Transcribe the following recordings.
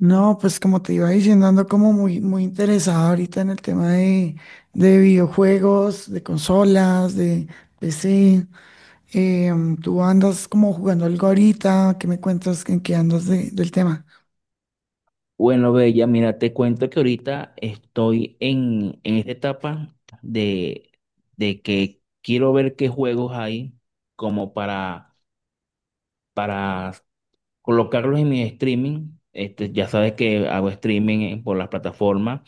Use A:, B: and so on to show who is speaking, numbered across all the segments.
A: No, pues como te iba diciendo, ando como muy, muy interesado ahorita en el tema de videojuegos, de consolas, de PC. Tú andas como jugando algo ahorita, ¿qué me cuentas en qué andas del tema?
B: Bueno, Bella, mira, te cuento que ahorita estoy en esta etapa de, de que quiero ver qué juegos hay como para colocarlos en mi streaming. Este, ya sabes que hago streaming en- por las plataformas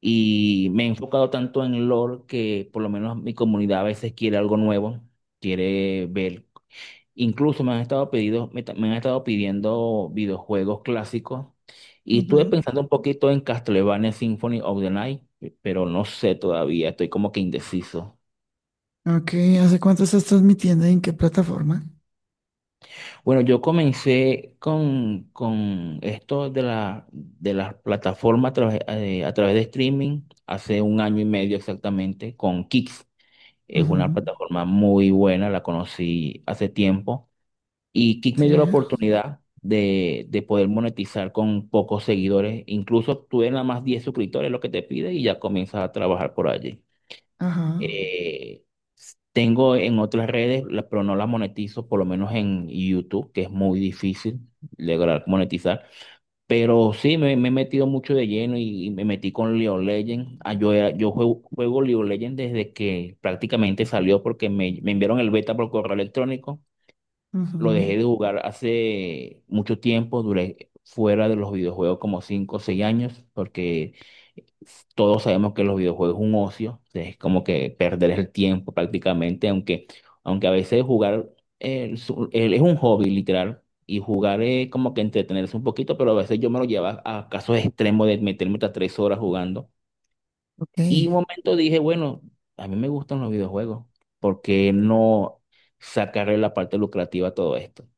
B: y me he enfocado tanto en lore que por lo menos mi comunidad a veces quiere algo nuevo, quiere ver. Incluso me han estado pedido, me han estado pidiendo videojuegos clásicos y estuve
A: Ujú.
B: pensando un poquito en Castlevania Symphony of the Night, pero no sé todavía, estoy como que indeciso.
A: Ok, ¿hace cuánto estás transmitiendo y en qué plataforma?
B: Bueno, yo comencé con esto de de las plataformas a través de streaming hace un año y medio exactamente con Kix. Es una
A: Ujú.
B: plataforma muy buena, la conocí hace tiempo. Y Kick me
A: Sí,
B: dio la oportunidad de poder monetizar con pocos seguidores. Incluso tuve nada más 10 suscriptores, lo que te pide, y ya comienzas a trabajar por allí.
A: ajá,
B: Eh, Tengo en otras redes, la- pero no las monetizo, por lo menos en YouTube, que es muy difícil lograr monetizar. Pero sí, me he metido mucho de lleno y me metí con League of Legends. Ah, yo era- yo juego, juego League of Legends desde que prácticamente salió porque me enviaron el beta por correo electrónico. Lo
A: ujú.
B: dejé de jugar hace mucho tiempo, duré fuera de los videojuegos como 5 o 6 años, porque todos sabemos que los videojuegos es un ocio, es como que perder el tiempo prácticamente, aunque a veces jugar es un hobby literal, y jugar es como que entretenerse un poquito, pero a veces yo me lo llevo a casos extremos de meterme hasta 3 horas jugando.
A: Ok.
B: Y un momento dije, bueno, a mí me gustan los videojuegos, ¿por qué no sacarle la parte lucrativa a todo esto?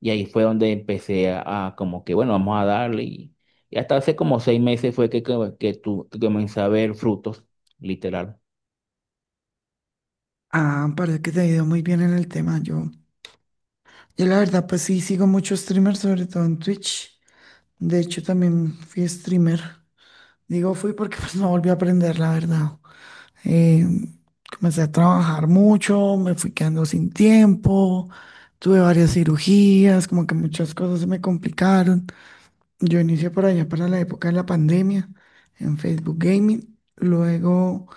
B: Y ahí fue donde empecé a como que, bueno, vamos a darle. Y hasta hace como seis meses fue que comencé a ver frutos, literal.
A: Ah, parece que te ha ido muy bien en el tema. Yo la verdad, pues sí, sigo muchos streamers, sobre todo en Twitch. De hecho, también fui streamer. Digo, fui porque pues no volví a aprender, la verdad. Eh, Comencé a trabajar mucho, me fui quedando sin tiempo, tuve varias cirugías, como que muchas cosas se me complicaron. Yo inicié por allá para la época de la pandemia en Facebook Gaming. Luego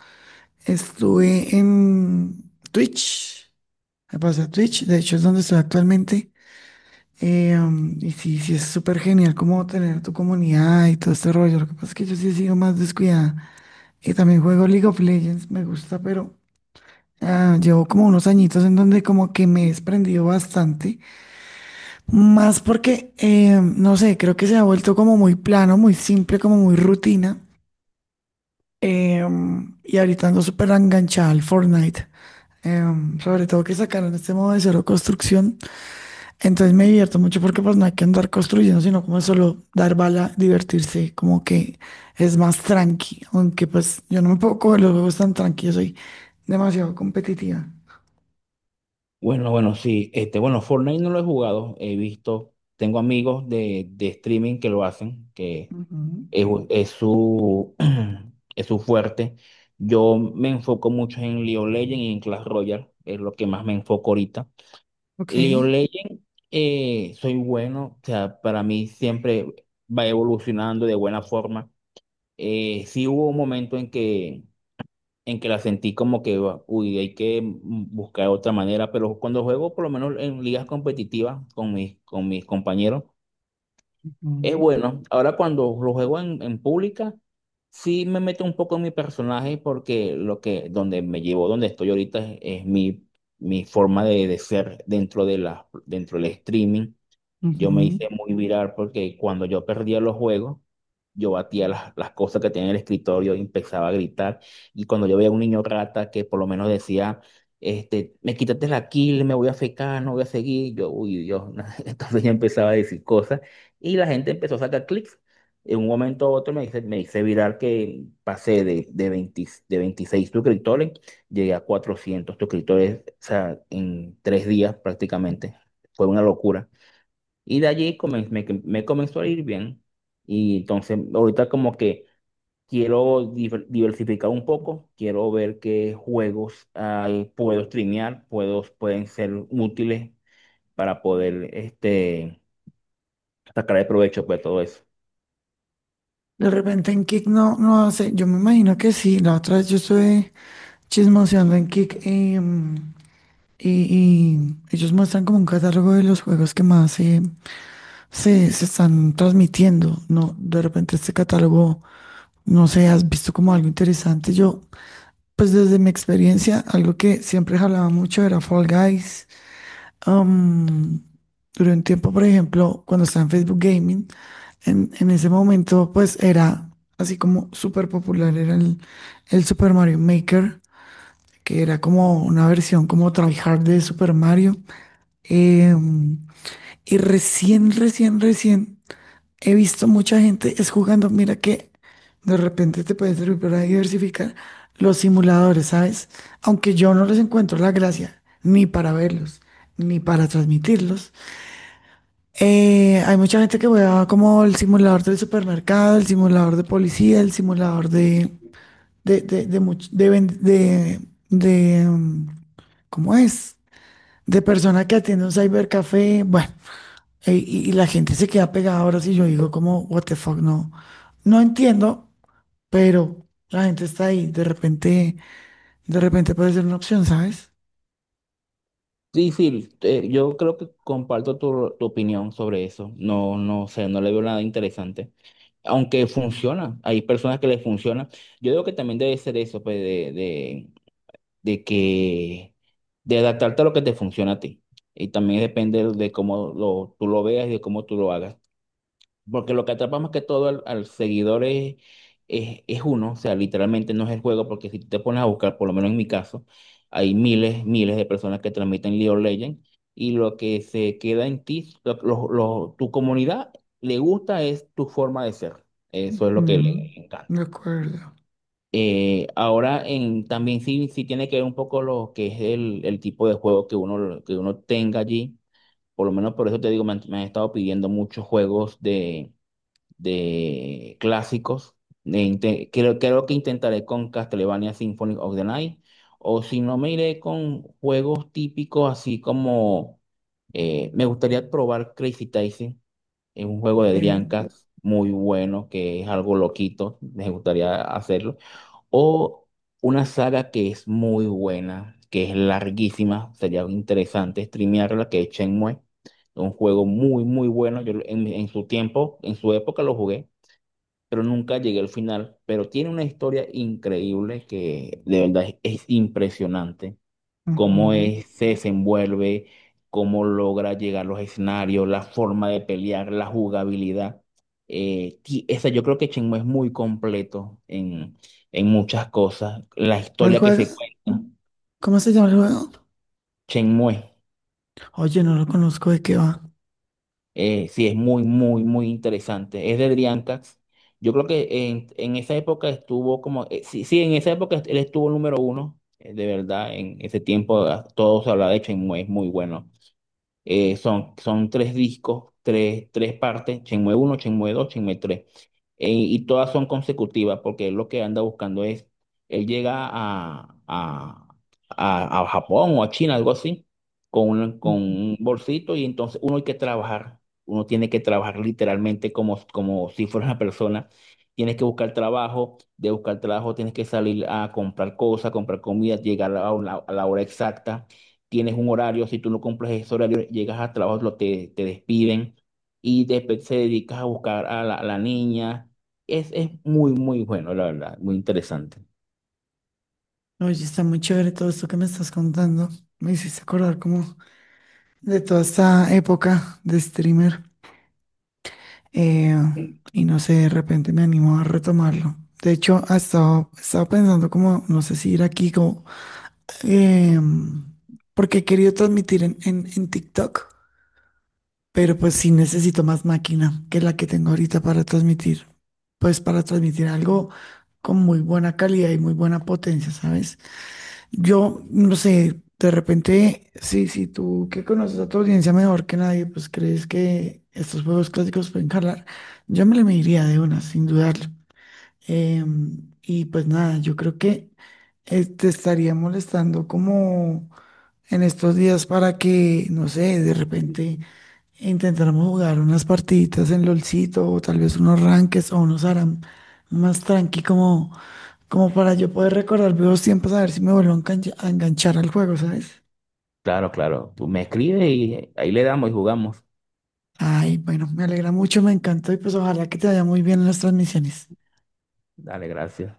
A: estuve en Twitch. Me pasé a Twitch, de hecho es donde estoy actualmente. Y sí, sí, es súper genial como tener tu comunidad y todo este rollo. Lo que pasa es que yo sí he sido más descuidada. Y también juego League of Legends, me gusta, pero ah, llevo como unos añitos en donde como que me he desprendido bastante. Más porque, no sé, creo que se ha vuelto como muy plano, muy simple, como muy rutina. Y ahorita ando súper enganchada al Fortnite. Sobre todo que sacaron este modo de cero construcción. Entonces me divierto mucho porque pues no hay que andar construyendo, sino como solo dar bala, divertirse, como que es más tranqui, aunque pues yo no me puedo coger los juegos tan tranquilos, soy demasiado competitiva.
B: Bueno, bueno, sí, este, bueno, Fortnite no lo he jugado, he visto, tengo amigos de streaming que lo hacen, que
A: Ujú,
B: es, es su, es su fuerte. Yo me enfoco mucho en League of Legends y en Clash Royale, es lo que más me enfoco ahorita.
A: ok.
B: League of Legends, soy bueno, o sea, para mí siempre va evolucionando de buena forma. Sí hubo un momento en que la sentí como que, uy, hay que buscar otra manera, pero cuando juego, por lo menos en ligas competitivas con con mis compañeros, es
A: Ujú,
B: bueno. Ahora cuando lo juego en pública, sí me meto un poco en mi personaje porque lo que, donde me llevo, donde estoy ahorita es mi forma de ser dentro de dentro del streaming. Yo me
A: ujú.
B: hice muy viral porque cuando yo perdía los juegos, yo batía las cosas que tenía en el escritorio y empezaba a gritar. Y cuando yo veía a un niño rata que por lo menos decía, este, me quítate la kill, me voy a fecar, no voy a seguir, yo, uy, Dios. Entonces yo empezaba a decir cosas y la gente empezó a sacar clics. En un momento u otro me hice viral que pasé de 20 de 26 suscriptores, llegué a 400 suscriptores, o sea, en tres días prácticamente. Fue una locura. Y de allí comen- me comenzó a ir bien. Y entonces ahorita como que quiero diver- diversificar un poco, quiero ver qué juegos hay, puedo streamear, puedo, pueden ser útiles para poder este, sacar el provecho de todo eso.
A: De repente en Kick no, no sé, yo me imagino que sí. La otra vez yo estuve chismoseando en Kick, y, y ellos muestran como un catálogo de los juegos que más se están transmitiendo, ¿no? De repente este catálogo... No sé, ¿has visto como algo interesante? Yo, pues desde mi experiencia, algo que siempre jalaba mucho era Fall Guys. Am, Duré un tiempo, por ejemplo, cuando estaba en Facebook Gaming, en ese momento, pues era así como súper popular, era el Super Mario Maker, que era como una versión como tryhard de Super Mario. Em, y recién he visto mucha gente es jugando. Mira que de repente te puede servir para diversificar los simuladores, ¿sabes? Aunque yo no les encuentro la gracia, ni para verlos, ni para transmitirlos. Hay mucha gente que juega como el simulador del supermercado, el simulador de policía, el simulador de, much- de ven- de, mm, ¿cómo es? De persona que atiende un cybercafé. Bueno, y la gente se queda pegada. Ahora si yo digo como, what the fuck, no, no entiendo, pero la gente está ahí. De repente puede ser una opción, ¿sabes?
B: Sí, sí, yo creo que comparto tu opinión sobre eso. No, no sé, no le veo nada interesante. Aunque funciona, hay personas que les funciona. Yo digo que también debe ser eso, pues, de que, de adaptarte a lo que te funciona a ti. Y también depende de cómo lo, tú lo veas y de cómo tú lo hagas. Porque lo que atrapa más que todo al, al seguidor es uno, o sea, literalmente no es el juego, porque si tú te pones a buscar, por lo menos en mi caso, hay miles de personas que transmiten League of Legends y lo que se queda en ti, tu comunidad le gusta es tu forma de ser. Eso es lo que
A: Mm,
B: le
A: de
B: encanta.
A: acuerdo.
B: Ahora en, también sí, sí tiene que ver un poco lo que es el tipo de juego que uno tenga allí. Por lo menos por eso te digo, me han estado pidiendo muchos juegos de clásicos. De inte- creo que intentaré con Castlevania Symphony of the Night. O si no, me iré con juegos típicos así como... me gustaría probar Crazy Taxi. Es un juego
A: Ok.
B: de Dreamcast muy bueno, que es algo loquito. Me gustaría hacerlo. O una saga que es muy buena, que es larguísima, sería interesante streamearla, que es Shenmue. Un juego muy, muy bueno. Yo lo- en su tiempo, en su época lo jugué, pero nunca llegué al final. Pero tiene una historia increíble que de verdad es impresionante cómo
A: Ujú.
B: es- se desenvuelve, cómo logra llegar a los escenarios, la forma de pelear, la jugabilidad. Ti- esa, yo creo que Shenmue es muy completo en muchas cosas. La
A: ¿Cuál
B: historia que
A: juega?
B: se cuenta,
A: ¿Cómo se llama el juego?
B: Shenmue,
A: Oye, no lo conozco, ¿de qué va?
B: sí, es muy, muy, muy interesante. Es de Driancax. Yo creo que en esa época estuvo como, sí, sí, en esa época él estuvo número uno, de verdad, en ese tiempo ah, todo se hablaba de Shenmue, es muy bueno. Son tres discos, tres partes, Shenmue uno, Shenmue dos, Shenmue tres. Y todas son consecutivas porque él lo que anda buscando es, él llega a Japón o a China, algo así, con con
A: Ujú.
B: un bolsito y entonces uno hay que trabajar, uno tiene que trabajar literalmente como, como si fuera una persona. Tienes que buscar trabajo, de buscar trabajo tienes que salir a comprar cosas, comprar comida, llegar a la hora exacta, tienes un horario, si tú no cumples ese horario, llegas al trabajo, te despiden y después se dedicas a buscar a a la niña. Es muy, muy bueno, la verdad, muy interesante.
A: Oye, está muy chévere todo esto que me estás contando. Me hiciste acordar como de toda esta época de streamer. eh, y no sé, de repente me animo a retomarlo. De hecho, he estado pensando como, no sé si ir aquí como, em, porque he querido transmitir en TikTok, pero pues sí necesito más máquina que la que tengo ahorita para transmitir, pues para transmitir algo con muy buena calidad y muy buena potencia, ¿sabes? Yo, no sé, de repente, sí, sí, tú que conoces a tu audiencia mejor que nadie, pues crees que estos juegos clásicos pueden jalar. Yo me le mediría de una, sin dudarlo. Y pues nada, yo creo que te estaría molestando como en estos días para que, no sé, de repente intentáramos jugar unas partiditas en LOLcito, o tal vez unos ranques o unos ARAM más tranqui como. Como para yo poder recordar viejos tiempos, a ver si me vuelvo a enganchar al juego, ¿sabes?
B: Claro, claro, tú me escribes y ahí le damos y jugamos.
A: Ay, bueno, me alegra mucho, me encantó y pues ojalá que te vaya muy bien en las transmisiones.
B: Dale, gracias.